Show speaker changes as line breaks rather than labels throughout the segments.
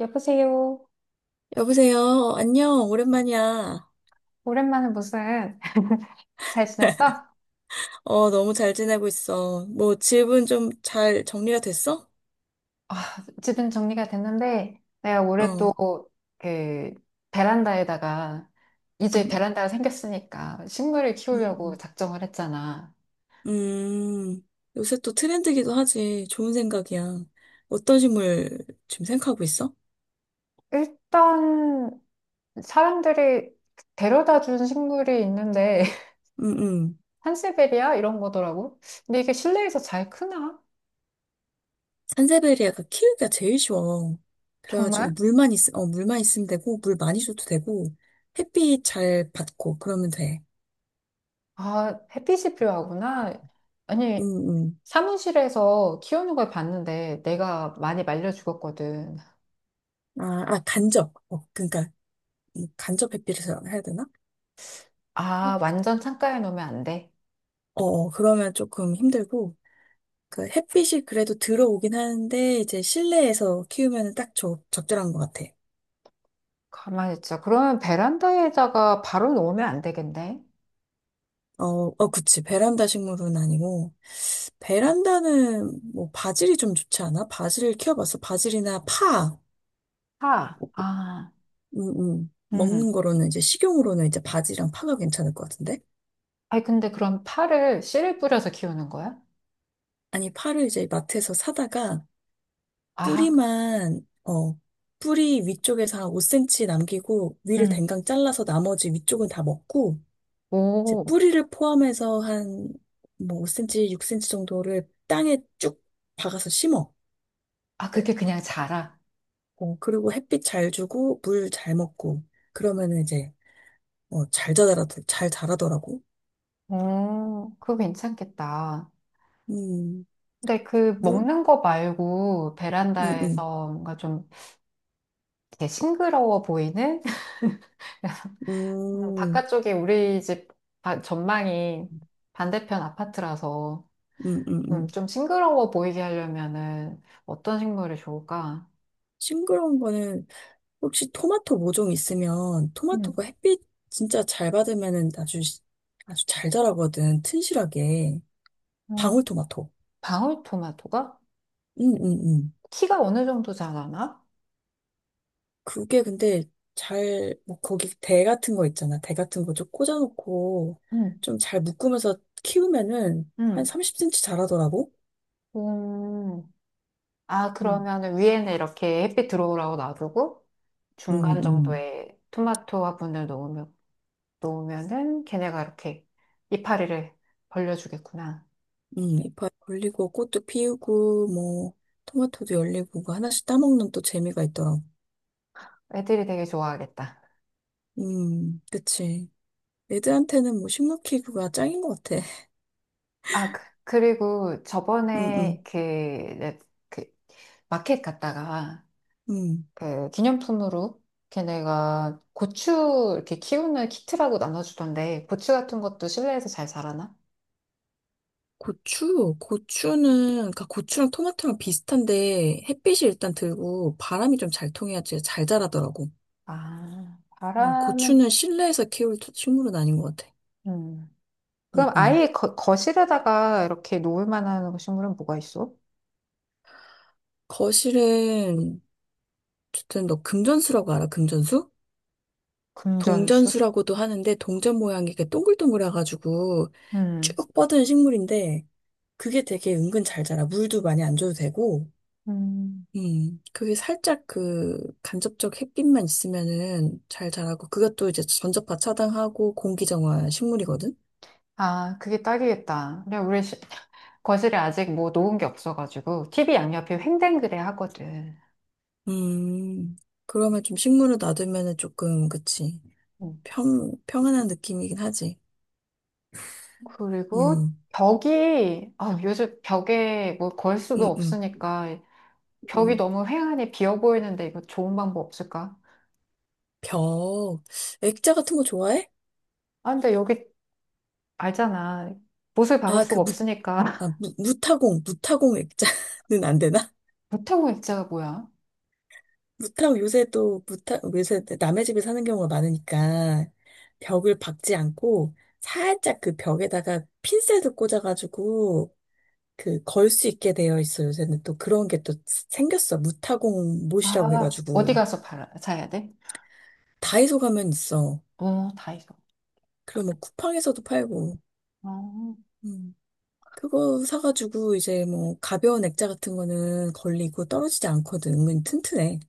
여보세요.
여보세요. 안녕. 오랜만이야.
오랜만에 무슨 잘 지냈어?
너무 잘 지내고 있어. 뭐, 집은 좀 잘 정리가 됐어?
아, 집은 정리가 됐는데 내가 올해 또
어,
그 베란다에다가 이제
음,
베란다가 생겼으니까 식물을
음,
키우려고
음.
작정을 했잖아.
음, 요새 또 트렌드기도 하지. 좋은 생각이야. 어떤 식물 지금 생각하고 있어?
일단 사람들이 데려다 준 식물이 있는데
음, 음.
산세베리아 이런 거더라고. 근데 이게 실내에서 잘 크나?
산세베리아가 키우기가 제일 쉬워.
정말?
그래가지고 물만 있으면 되고, 물 많이 줘도 되고, 햇빛 잘 받고, 그러면 돼.
아, 햇빛이 필요하구나. 아니
음, 음.
사무실에서 키우는 걸 봤는데 내가 많이 말려 죽었거든.
아, 아, 간접. 어, 그러니까, 이 간접 햇빛을 해야 되나?
아, 완전 창가에 놓으면 안 돼.
어, 그러면 조금 힘들고, 그 햇빛이 그래도 들어오긴 하는데, 이제 실내에서 키우면 딱 적절한 것 같아.
가만히 있자. 그러면 베란다에다가 바로 놓으면 안 되겠네.
어, 어, 그치. 베란다 식물은 아니고, 베란다는 뭐 바질이 좀 좋지 않아? 바질을 키워봤어. 바질이나 파.
파. 아,
음, 먹는
음.
거로는 이제 식용으로는 이제 바지랑 파가 괜찮을 것 같은데?
아니, 근데 그럼 파를 씨를 뿌려서 키우는 거야?
아니, 파를 이제 마트에서 사다가
아,
뿌리만, 어, 뿌리 위쪽에서 한 5cm 남기고 위를
음.
댕강 잘라서 나머지 위쪽은 다 먹고 이제
오.
뿌리를 포함해서 한 뭐 5cm, 6cm 정도를 땅에 쭉 박아서 심어.
아, 그게 그냥 자라.
어, 그리고 햇빛 잘 주고 물 잘 먹고 그러면은 이제 어, 잘 자라더라고.
오, 그거 괜찮겠다.
음,
근데 그
뭐,
먹는 거 말고
음, 음,
베란다에서 뭔가 좀 이렇게 싱그러워 보이는
음,
바깥쪽이 우리 집 전망이 반대편 아파트라서
음, 음, 음.
좀 싱그러워 보이게 하려면은 어떤 식물이 좋을까?
싱그러운 거는 혹시 토마토 모종 있으면
음,
토마토가 햇빛 진짜 잘 받으면은 아주 잘 자라거든 튼실하게
어,
방울토마토.
방울토마토가
음, 음, 음.
키가 어느 정도 자라나?
그게 근데 거기 대 같은 거 있잖아. 대 같은 거 좀 꽂아놓고
음,
좀 잘 묶으면서 키우면은 한
음,
30cm 자라더라고.
음. 아,
음.
그러면은 위에는 이렇게 햇빛 들어오라고 놔두고
음,
중간
음,
정도에 토마토 화분을 놓으면, 놓으면은 걔네가 이렇게 이파리를 벌려주겠구나.
이파이 걸리고 꽃도 피우고 뭐 토마토도 열리고 그 하나씩 따먹는 또 재미가 있더라고.
애들이 되게 좋아하겠다.
그치. 애들한테는 뭐 식물 키우기가 짱인 것 같아.
아, 그리고
음,
저번에
음,
그, 그 마켓 갔다가
음.
그 기념품으로 걔네가 고추 이렇게 키우는 키트라고 나눠주던데 고추 같은 것도 실내에서 잘 자라나?
고추는, 그니까 고추랑 토마토랑 비슷한데 햇빛이 일단 들고 바람이 좀 잘 통해야지 잘 자라더라고.
아, 바람은
고추는 실내에서 키울 식물은 아닌 것 같아.
음.
응,
그럼
응.
아예 거실에다가 이렇게 놓을 만한 식물은 뭐가 있어?
거실은, 어쨌든 너 금전수라고 알아? 금전수?
금전수?
동전수라고도 하는데 동전 모양이 이렇게 동글동글해가지고
음.
쭉 뻗은 식물인데 그게 되게 은근 잘 자라. 물도 많이 안 줘도 되고.
음.
그게 살짝 그 간접적 햇빛만 있으면은 잘 자라고, 그것도 또 이제 전자파 차단하고 공기정화 식물이거든?
아, 그게 딱이겠다. 거실에 아직 뭐 놓은 게 없어가지고 TV 양옆에 횡댕그레 하거든.
음, 그러면 좀 식물을 놔두면은 조금, 그치.
음.
평안한 느낌이긴 하지.
그리고
음,
벽이, 아, 요즘 벽에 뭐 걸 수도
음, 음,
없으니까 벽이
음.
너무 회한이 비어 보이는데 이거 좋은 방법 없을까?
벽. 액자 같은 거 좋아해?
아, 근데 여기 알잖아. 못을 박을
아, 그
수가
무,
없으니까.
아, 무타공, 무타공 액자는 안 되나?
보태고 액자가 뭐야?
무탁 요새 또 무탁 요새 남의 집에 사는 경우가 많으니까 벽을 박지 않고 살짝 그 벽에다가 핀셋을 꽂아가지고 그 걸 수 있게 되어 있어. 요새는 또 그런 게 또 생겼어. 무타공 못이라고
아, 어디
해가지고
가서 팔아, 사야 돼?
다이소 가면 있어.
어, 다이소.
그리고 뭐 쿠팡에서도 팔고.
어.
음. 그거 사가지고 이제 뭐 가벼운 액자 같은 거는 걸리고 떨어지지 않거든. 은근히 튼튼해.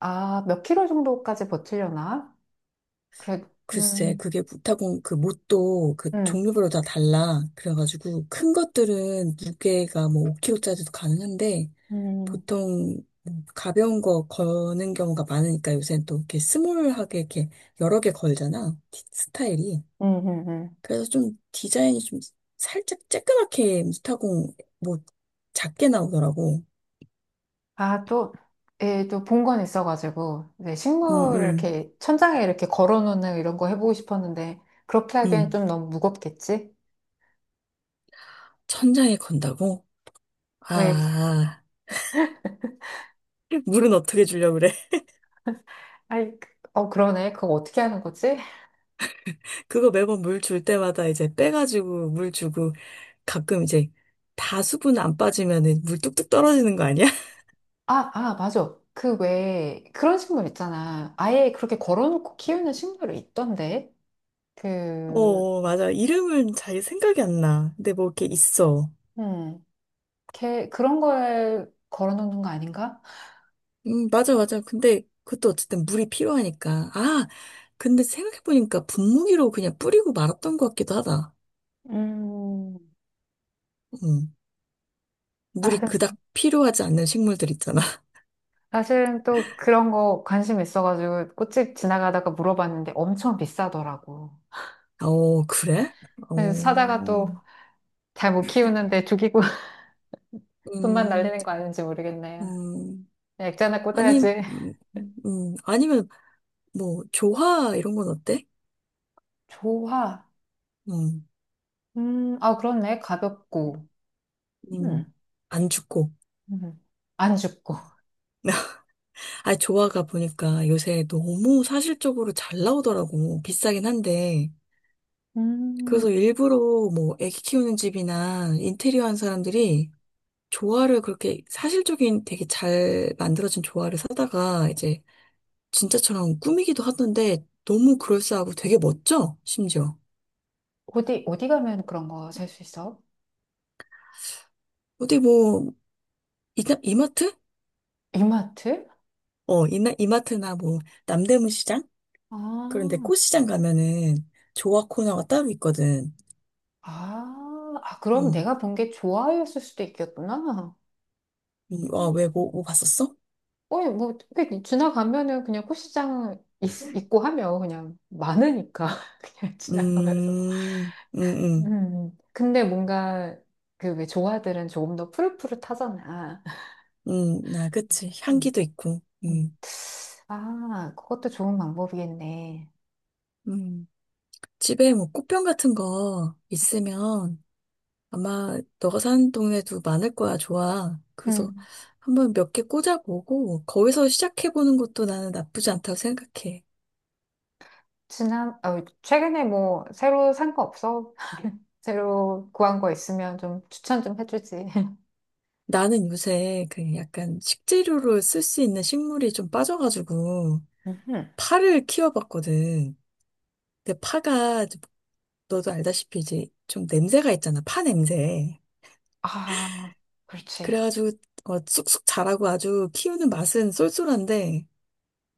아, 몇 킬로 정도까지 버티려나? 그래,
글쎄,
음,
그게 무타공 그 못도 그
음,
종류별로 다 달라. 그래가지고 큰 것들은 무게가 뭐 5kg짜리도 가능한데
음,
보통 뭐 가벼운 거 거는 경우가 많으니까 요새는 또 이렇게 스몰하게 이렇게 여러 개 걸잖아. 스타일이.
음, 음, 음.
그래서 좀 디자인이 좀 살짝 쬐끄맣게 무타공 뭐 작게 나오더라고.
아, 또, 예, 또 본 건 있어가지고, 네,
음,
식물을
음,
이렇게 천장에 이렇게 걸어놓는 이런 거 해보고 싶었는데, 그렇게 하기엔
음.
좀 너무 무겁겠지?
천장에 건다고?
왜 이렇게,
아, 물은 어떻게 주려고 그래?
아이, 어, 그러네. 그거 어떻게 하는 거지?
그거 매번 물 줄 때마다 이제 빼가지고 물 주고 가끔 이제 다 수분 안 빠지면은 물 뚝뚝 떨어지는 거 아니야?
아, 아, 맞아. 그 왜, 그런 식물 있잖아. 아예 그렇게 걸어놓고 키우는 식물이 있던데? 그,
어, 맞아. 이름은 잘 생각이 안 나. 근데 뭐 이렇게 있어.
음, 걔, 그런 걸 걸어놓는 거 아닌가?
맞아, 맞아. 근데 그것도 어쨌든 물이 필요하니까. 아, 근데 생각해보니까 분무기로 그냥 뿌리고 말았던 것 같기도 하다.
음,
음, 물이 그닥 필요하지 않는 식물들 있잖아.
사실은 또 그런 거 관심 있어가지고 꽃집 지나가다가 물어봤는데 엄청 비싸더라고.
어, 그래? 어,
그래서 사다가 또 잘 못 키우는데 죽이고 돈만
음,
날리는 거 아닌지 모르겠네요.
음.
액자나
아니,
꽂아야지.
아니면 뭐, 조화, 이런 건 어때?
좋아.
음,
아, 그렇네. 가볍고.
음,
음,
안 죽고.
음. 안 죽고.
아, 조화가 보니까 요새 너무 사실적으로 잘 나오더라고. 비싸긴 한데.
음,
그래서 일부러 뭐, 애기 키우는 집이나 인테리어 한 사람들이 조화를 그렇게 사실적인 되게 잘 만들어진 조화를 사다가 이제 진짜처럼 꾸미기도 하던데 너무 그럴싸하고 되게 멋져, 심지어.
어디, 어디 가면 그런 거 살 수 있어?
어디 뭐, 이마트?
이마트?
어, 이마트나 뭐, 남대문 시장? 그런데
아,
꽃시장 가면은 조화 코너가 따로 있거든.
아, 아, 그럼
음,
내가 본 게 좋아요였을 수도 있겠구나.
아,
음.
왜, 뭐 봤었어?
어, 뭐, 그게 지나가면은 그냥 꽃시장 있고 하면 그냥 많으니까. 그냥 지나가면서.
음, 음, 음,
음. 음. 근데 뭔가 그 왜 조화들은 조금 더 푸릇푸릇하잖아.
나, 그치.
음.
향기도 있고,
음. 아, 그것도 좋은 방법이겠네.
음. 집에 뭐 꽃병 같은 거 있으면 아마 너가 사는 동네도 많을 거야, 좋아. 그래서
음.
한번 몇 개 꽂아보고, 거기서 시작해보는 것도 나는 나쁘지 않다고 생각해.
지난, 어, 최근에 뭐, 새로 산 거 없어? 새로 구한 거 있으면 좀 추천 좀 해주지.
나는 요새 그 약간 식재료로 쓸 수 있는 식물이 좀 빠져가지고,
음흠.
파를 키워봤거든. 근데 파가 좀- 너도 알다시피 이제 좀 냄새가 있잖아. 파 냄새.
아, 그렇지.
그래가지고 어, 쑥쑥 자라고 아주 키우는 맛은 쏠쏠한데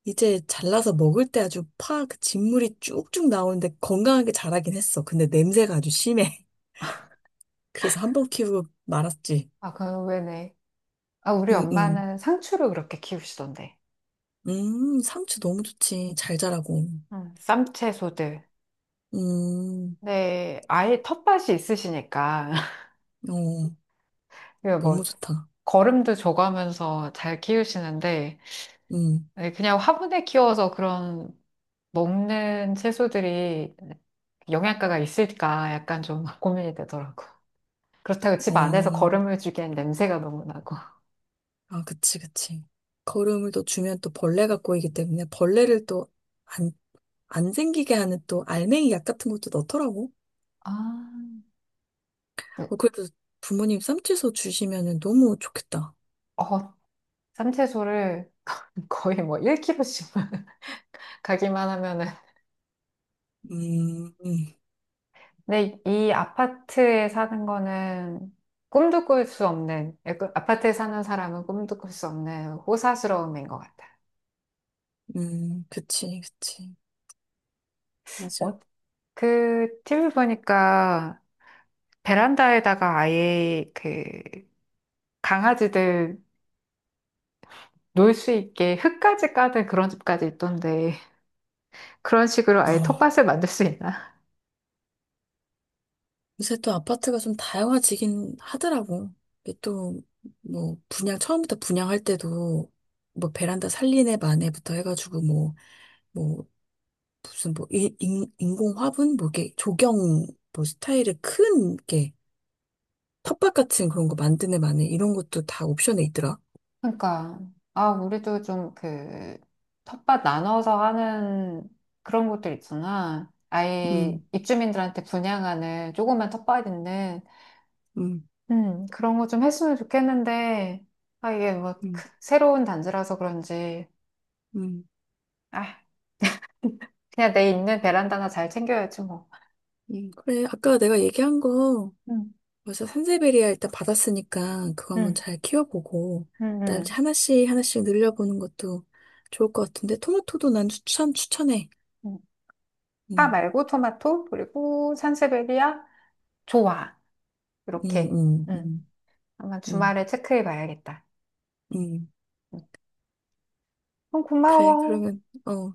이제 잘라서 먹을 때 아주 파 그 진물이 쭉쭉 나오는데 건강하게 자라긴 했어. 근데 냄새가 아주 심해. 그래서 한번 키우고 말았지.
아, 그, 왜네. 아, 우리
음, 음.
엄마는 상추를 그렇게 키우시던데.
상추 너무 좋지. 잘 자라고.
쌈채소들.
음,
네, 아예 텃밭이 있으시니까.
어, 너무
그뭐
좋다.
거름도 줘가면서 잘 키우시는데
음,
네, 그냥 화분에 키워서 그런 먹는 채소들이 영양가가 있을까 약간 좀 고민이 되더라고. 그렇다고 집 안에서
어.
거름을 주기엔 냄새가 너무 나고.
아, 그치, 그치. 거름을 또 주면 또 벌레가 꼬이기 때문에 벌레를 또 안, 안 생기게 하는 또 알맹이 약 같은 것도 넣더라고.
아, 네.
어, 그래도 부모님 쌈치소 주시면은 너무 좋겠다.
어, 쌈채소를 거의 뭐 1kg씩만 가기만 하면은
음, 음,
근데 이 아파트에 사는 거는 꿈도 꿀 수 없는, 약간 아파트에 사는 사람은 꿈도 꿀 수 없는 호사스러움인 것 같아요.
그치, 그치. 맞아.
어, 그 TV 보니까 베란다에다가 아예 그 강아지들 놀 수 있게 흙까지 까는 그런 집까지 있던데 그런 식으로 아예
어.
텃밭을 만들 수 있나?
요새 또 아파트가 좀 다양화지긴 하더라고. 이게 또, 뭐, 분양, 처음부터 분양할 때도 뭐 베란다 살리네 마네부터 해가지고 뭐, 뭐, 무슨 뭐 인공 화분 뭐 이게 조경 뭐 스타일의 큰 게 텃밭 같은 그런 거 만드네 만에 이런 것도 다 옵션에 있더라.
그러니까 아 우리도 좀 그 텃밭 나눠서 하는 그런 곳들 있잖아. 아예
음,
입주민들한테 분양하는 조그만 텃밭 있는
음,
그런 거 좀 했으면 좋겠는데 아 이게 뭐
음,
새로운 단지라서 그런지
음,
아 그냥 내 있는 베란다나 잘 챙겨야지 뭐.
그래 아까 내가 얘기한 거
음,
벌써 산세베리아 일단 받았으니까 그거 한번
음,
잘 키워보고
음,
그다음에 이제
음.
하나씩 하나씩 늘려보는 것도 좋을 것 같은데 토마토도 난 추천해.
음. 파
음,
말고 토마토 그리고 산세베리아 좋아
음,
이렇게
음,
음
음,
한번
음,
주말에 체크해 봐야겠다.
음.
음, 어,
그래
고마워.
그러면 어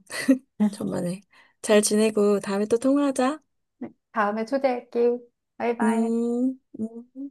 천만에 잘
음,
지내고 다음에 또 통화하자.
다음에 초대할게. 바이바이.
음, 음.